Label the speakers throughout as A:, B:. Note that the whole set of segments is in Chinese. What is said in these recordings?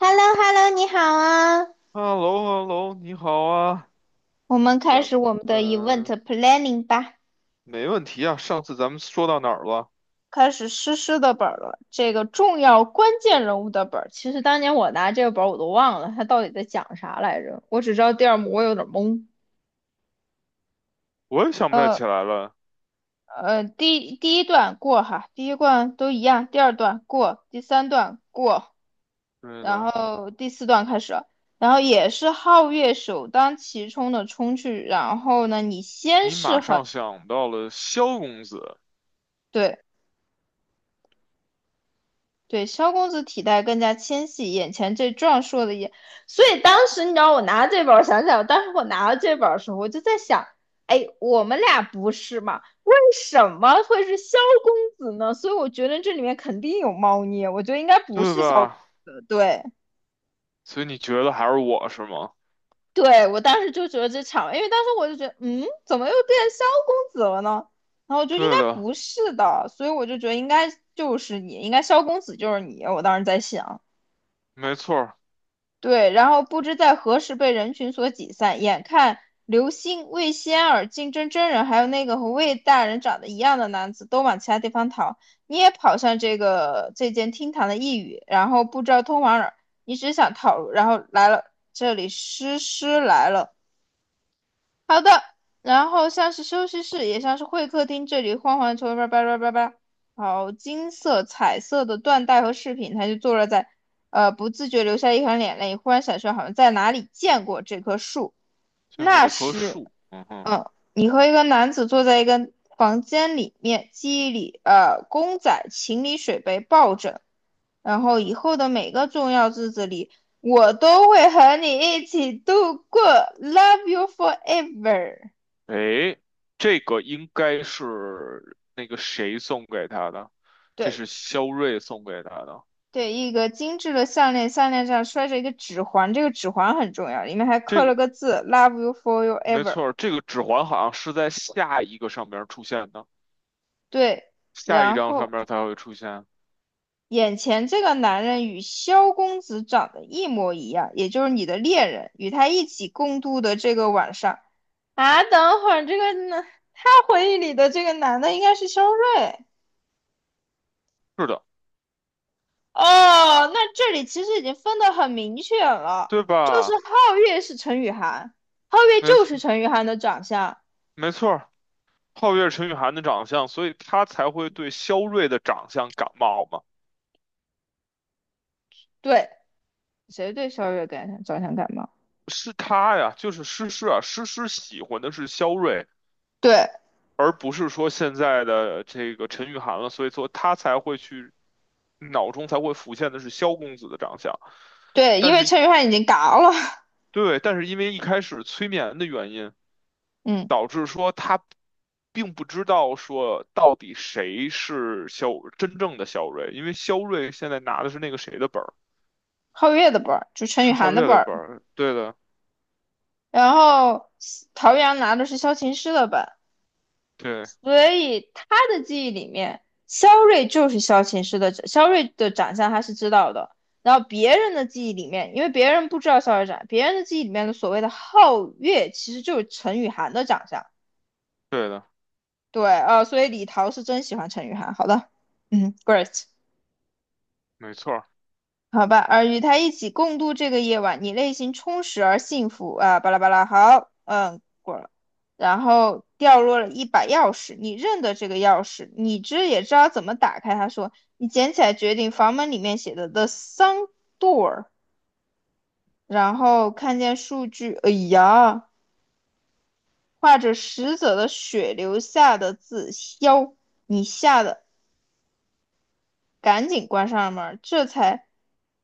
A: h e l l o h e l l o 你好啊！
B: h e l l o h e l l o 你好啊，
A: 我们开
B: 咱
A: 始我们的 event
B: 们
A: planning 吧，
B: 没问题啊。上次咱们说到哪儿了？
A: 开始诗诗的本儿了。这个重要关键人物的本儿，其实当年我拿这个本儿我都忘了，它到底在讲啥来着？我只知道第二幕我有点懵。
B: 我也想不太
A: 呃
B: 起来了。
A: 第一段过哈，第一段都一样，第二段过，第三段过，
B: 对
A: 然
B: 的，
A: 后第四段开始。然后也是皓月首当其冲的冲去，然后呢，你先
B: 你马
A: 是很
B: 上想到了萧公子，
A: 对，对，萧公子体态更加纤细，眼前这壮硕的眼，所以当时你知道我拿这本儿，想起来，当时我拿到这本儿的时候，我就在想，哎，我们俩不是嘛？为什么会是萧公子呢？所以我觉得这里面肯定有猫腻，我觉得应该不
B: 对
A: 是萧公
B: 吧？
A: 子。对，
B: 所以你觉得还是我是吗？
A: 对，我当时就觉得这场，因为当时我就觉得，嗯，怎么又变萧公子了呢？然后我就应该
B: 对的，
A: 不是的，所以我就觉得应该就是你，应该萧公子就是你，我当时在想。
B: 没错儿，
A: 对，然后不知在何时被人群所挤散，眼看刘星、魏仙儿、竞争真人，还有那个和魏大人长得一样的男子都往其他地方逃，你也跑向这间厅堂的一隅，然后不知道通往哪儿，你只想逃，然后来了这里，诗诗来了，好的，然后像是休息室，也像是会客厅，这里晃晃，球，叭叭叭叭叭。好，金色、彩色的缎带和饰品，他就坐落在，不自觉流下一行眼泪，忽然想说，好像在哪里见过这棵树。
B: 见过
A: 那
B: 这棵
A: 时，
B: 树。嗯哼，
A: 嗯，你和一个男子坐在一个房间里面，记忆里，公仔、情侣水杯、抱枕，然后以后的每个重要日子里，我都会和你一起度过，Love you forever。
B: 诶，这个应该是那个谁送给他的？这
A: 对
B: 是萧睿送给他的。
A: 对，一个精致的项链，项链上拴着一个指环，这个指环很重要，里面还
B: 这
A: 刻了
B: 个
A: 个字，Love you for you
B: 没
A: ever。
B: 错儿，这个指环好像是在下一个上边儿出现的。
A: 对，
B: 下一
A: 然
B: 章上
A: 后
B: 面才会出现。
A: 眼前这个男人与萧公子长得一模一样，也就是你的恋人，与他一起共度的这个晚上啊，等会儿这个男，他回忆里的这个男的应该是肖瑞。
B: 是的，
A: 哦，那这里其实已经分得很明确了，
B: 对
A: 就是
B: 吧？
A: 皓月是陈雨涵，皓月
B: 没
A: 就
B: 错，
A: 是陈雨涵的长相。
B: 没错儿。皓月陈雨涵的长相，所以他才会对萧睿的长相感冒嘛。
A: 对，谁对萧月感想着想感冒？
B: 是他呀，就是诗诗啊，诗诗喜欢的是萧睿，
A: 对
B: 而不是说现在的这个陈雨涵了，所以说他才会去脑中才会浮现的是萧公子的长相。
A: 对，因
B: 但
A: 为
B: 是，
A: 陈雨涵已经嘎了，
B: 对，但是因为一开始催眠的原因。
A: 嗯，
B: 导致说他并不知道说到底谁是真正的肖瑞，因为肖瑞现在拿的是那个谁的本儿，
A: 皓月的本儿就陈雨
B: 是
A: 涵
B: 皓
A: 的
B: 月
A: 本
B: 的
A: 儿，
B: 本儿，对的，
A: 然后陶阳拿的是萧琴师的本，
B: 对
A: 所以他的记忆里面，萧睿就是萧琴师的，萧睿的长相他是知道的。然后别人的记忆里面，因为别人不知道萧月长，别人的记忆里面的所谓的皓月，其实就是陈雨涵的长相。
B: 对的，
A: 对，所以李桃是真喜欢陈雨涵。好的，嗯，great。
B: 没错儿
A: 好吧，而与他一起共度这个夜晚，你内心充实而幸福啊，巴拉巴拉。好，嗯，然后掉落了一把钥匙，你认得这个钥匙，你也知道怎么打开。他说，你捡起来，决定房门里面写的 The Sun Door,然后看见数据，哎呀，画着死者的血留下的字消，你吓得赶紧关上门儿，这才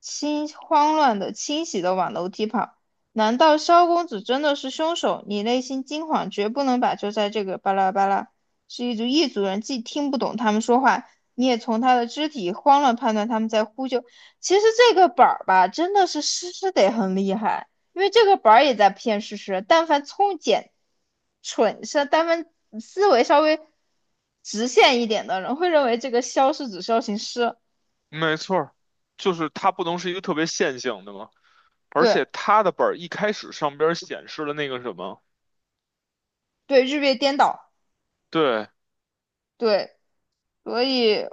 A: 清慌乱的、清洗的往楼梯跑。难道萧公子真的是凶手？你内心惊慌，绝不能把就在这个巴拉巴拉，是一组一组人，既听不懂他们说话，你也从他的肢体慌乱判断他们在呼救。其实这个本儿吧，真的是诗诗得很厉害。因为这个本儿也在骗事实，但凡聪简、蠢是，但凡思维稍微直线一点的人，会认为这个肖是指肖行师，
B: 没错儿，就是他不能是一个特别线性的嘛，而
A: 对
B: 且他的本儿一开始上边儿显示了那个什么，
A: 对，日月颠倒，
B: 对，
A: 对，所以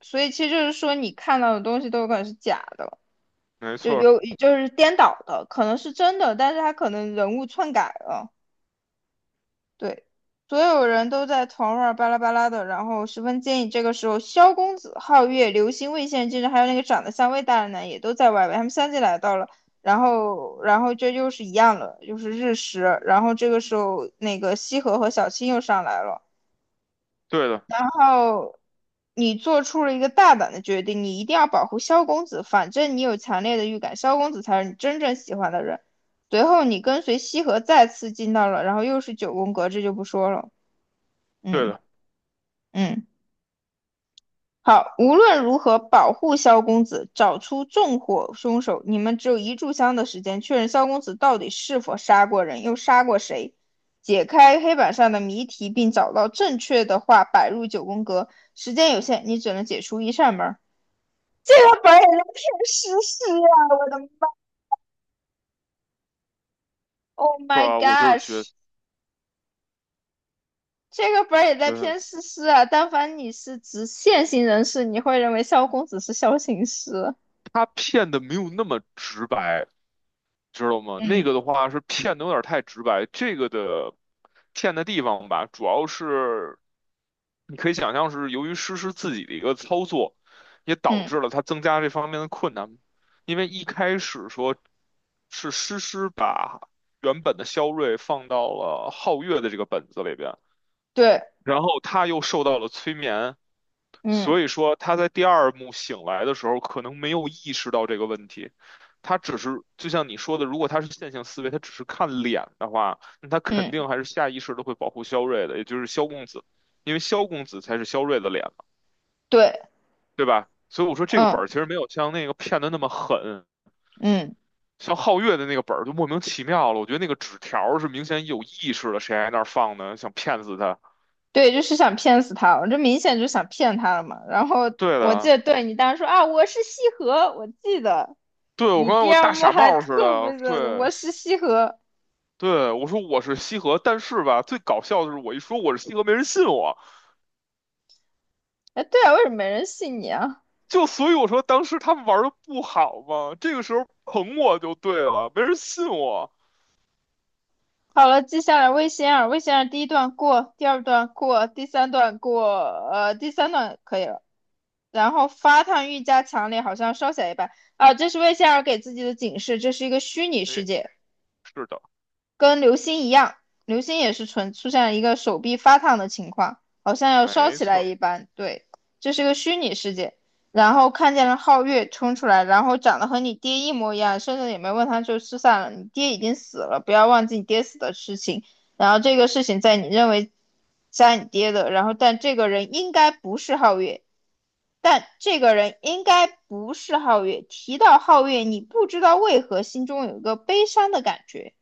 A: 所以其实就是说，你看到的东西都有可能是假的，
B: 没
A: 就
B: 错儿，
A: 有就是颠倒的，可能是真的，但是他可能人物篡改了。对，所有人都在团儿啊巴拉巴拉的，然后十分建议这个时候，萧公子、皓月、流星、魏县先生，还有那个长得像魏大人的，也都在外围。他们相继来到了，然后这又是一样了，又是日食。然后这个时候，那个西河和小青又上来了。
B: 对的
A: 然后你做出了一个大胆的决定，你一定要保护萧公子，反正你有强烈的预感，萧公子才是你真正喜欢的人。随后，你跟随西河再次进到了，然后又是九宫格，这就不说了，
B: 对
A: 嗯。
B: 的，
A: 嗯，好，无论如何保护萧公子，找出纵火凶手。你们只有一炷香的时间，确认萧公子到底是否杀过人，又杀过谁，解开黑板上的谜题，并找到正确的话摆入九宫格。时间有限，你只能解除一扇门。这个本儿也在骗诗诗啊！我的妈！Oh
B: 是
A: my
B: 吧？我就是觉
A: gosh!这个本儿也在
B: 觉得
A: 骗诗诗啊！但凡你是直线性人士，你会认为萧公子是萧行师。
B: 他骗的没有那么直白，知道吗？那
A: 嗯
B: 个的话是骗的有点太直白，这个的骗的地方吧，主要是你可以想象是由于诗诗自己的一个操作，也导
A: 嗯，
B: 致了他增加这方面的困难，因为一开始说是诗诗把原本的肖睿放到了皓月的这个本子里边，
A: 对，
B: 然后他又受到了催眠，
A: 嗯。
B: 所以说他在第二幕醒来的时候，可能没有意识到这个问题。他只是就像你说的，如果他是线性思维，他只是看脸的话，那他肯
A: 嗯，
B: 定还是下意识的会保护萧睿的，也就是萧公子，因为萧公子才是萧睿的脸嘛，
A: 对，
B: 对吧？所以我说这个本
A: 嗯
B: 儿其实没有像那个骗的那么狠，
A: 嗯，
B: 像皓月的那个本儿就莫名其妙了。我觉得那个纸条是明显有意识的，谁还那儿放呢？想骗死他？
A: 对，就是想骗死他，我这明显就想骗他了嘛。然后
B: 对
A: 我记
B: 的，
A: 得，对你当时说啊，我是西河，我记得
B: 对我
A: 你
B: 刚才
A: 第
B: 我
A: 二
B: 大
A: 幕
B: 傻
A: 还
B: 帽似
A: 特别
B: 的，
A: 的
B: 对。
A: 我是西河。
B: 对，我说我是西河，但是吧，最搞笑的是我一说我是西河，没人信我，
A: 哎，对啊，为什么没人信你啊？
B: 就所以我说当时他们玩的不好嘛，这个时候捧我就对了，没人信我。
A: 好了，接下来，魏仙儿，魏仙儿第一段过，第二段过，第三段过，第三段可以了。然后发烫愈加强烈，好像烧起来一般。啊，这是魏仙儿给自己的警示，这是一个虚拟世
B: 哎，
A: 界。
B: 是的，
A: 跟流星一样，流星也是纯出现了一个手臂发烫的情况，好像要烧
B: 没
A: 起
B: 错
A: 来
B: 儿，
A: 一般。对，这是个虚拟世界。然后看见了皓月冲出来，然后长得和你爹一模一样，甚至也没问他就失散了。你爹已经死了，不要忘记你爹死的事情。然后这个事情在你认为杀你爹的，然后但这个人应该不是皓月，但这个人应该不是皓月。提到皓月，你不知道为何心中有一个悲伤的感觉。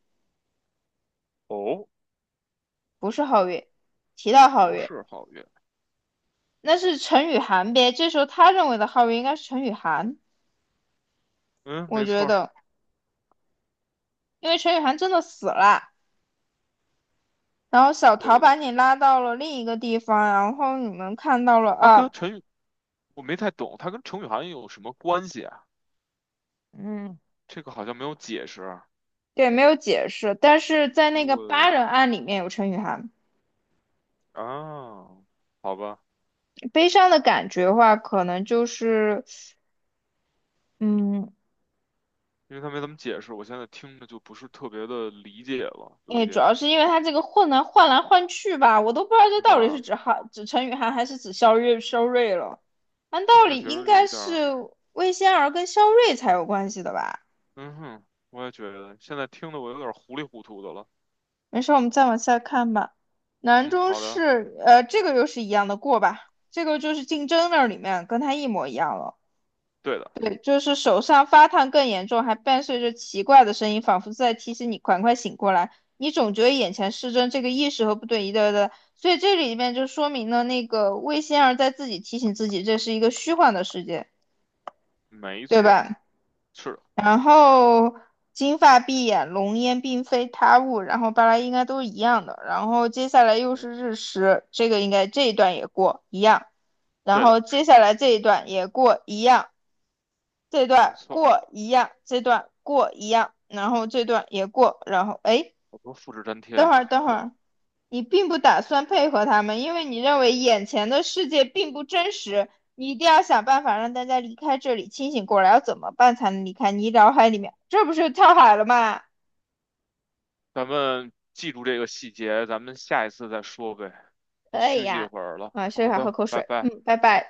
B: 哦，
A: 不是皓月，提到皓
B: 不
A: 月，
B: 是皓月，
A: 那是陈雨涵呗。这时候他认为的皓月应该是陈雨涵，
B: 嗯，
A: 我
B: 没
A: 觉
B: 错儿，
A: 得，因为陈雨涵真的死了，然后小桃
B: 对
A: 把
B: 的，
A: 你拉到了另一个地方，然后你们看到了
B: 他
A: 啊，
B: 跟陈宇，我没太懂，他跟程雨涵有什么关系啊？
A: 嗯，
B: 这个好像没有解释啊，
A: 对，没有解释，但是在
B: 所
A: 那
B: 以
A: 个八
B: 我
A: 人案里面有陈雨涵，
B: 啊，好吧，
A: 悲伤的感觉的话，可能就是，嗯，
B: 因为他没怎么解释，我现在听着就不是特别的理解了，有
A: 哎，
B: 一
A: 主
B: 点，
A: 要是因为他这个换来换去吧，我都不知道这
B: 对
A: 到底是
B: 吧？
A: 指韩指陈雨涵还是指肖瑞了。按
B: 听
A: 道
B: 着
A: 理
B: 其
A: 应
B: 实有
A: 该
B: 一点
A: 是
B: 儿
A: 魏仙儿跟肖瑞才有关系的吧？
B: 嗯哼，我也觉得现在听的我有点糊里糊涂的了。
A: 没事，我们再往下看吧。南
B: 嗯，
A: 中
B: 好的，
A: 是，这个又是一样的过吧？这个就是竞争那里面跟他一模一样了。
B: 对的，
A: 对，就是手上发烫更严重，还伴随着奇怪的声音，仿佛在提醒你赶快醒过来。你总觉得眼前失真，这个意识和不对一的对。所以这里面就说明了那个魏仙儿在自己提醒自己，这是一个虚幻的世界，
B: 没
A: 对
B: 错，
A: 吧？
B: 是的，
A: 然后金发碧眼，浓烟并非他物，然后巴拉应该都是一样的。然后接下来又
B: 没
A: 是日食，这个应该这一段也过一样，然
B: 对的，
A: 后接下来这一段也过一样。这
B: 没
A: 段
B: 错。
A: 过一样，这段过一样，然后这段也过，然后哎，
B: 好多复制粘贴
A: 等会儿
B: 啊，
A: 等会 儿，你并不打算配合他们，因为你认为眼前的世界并不真实，你一定要想办法让大家离开这里，清醒过来。要怎么办才能离开你脑海里面？这不是跳海了吗？
B: 咱们记住这个细节，咱们下一次再说呗。先
A: 可以
B: 休息一
A: 呀、
B: 会儿了。
A: 啊，睡一
B: 好
A: 会儿喝
B: 的，
A: 口
B: 拜
A: 水，
B: 拜。
A: 嗯，拜拜。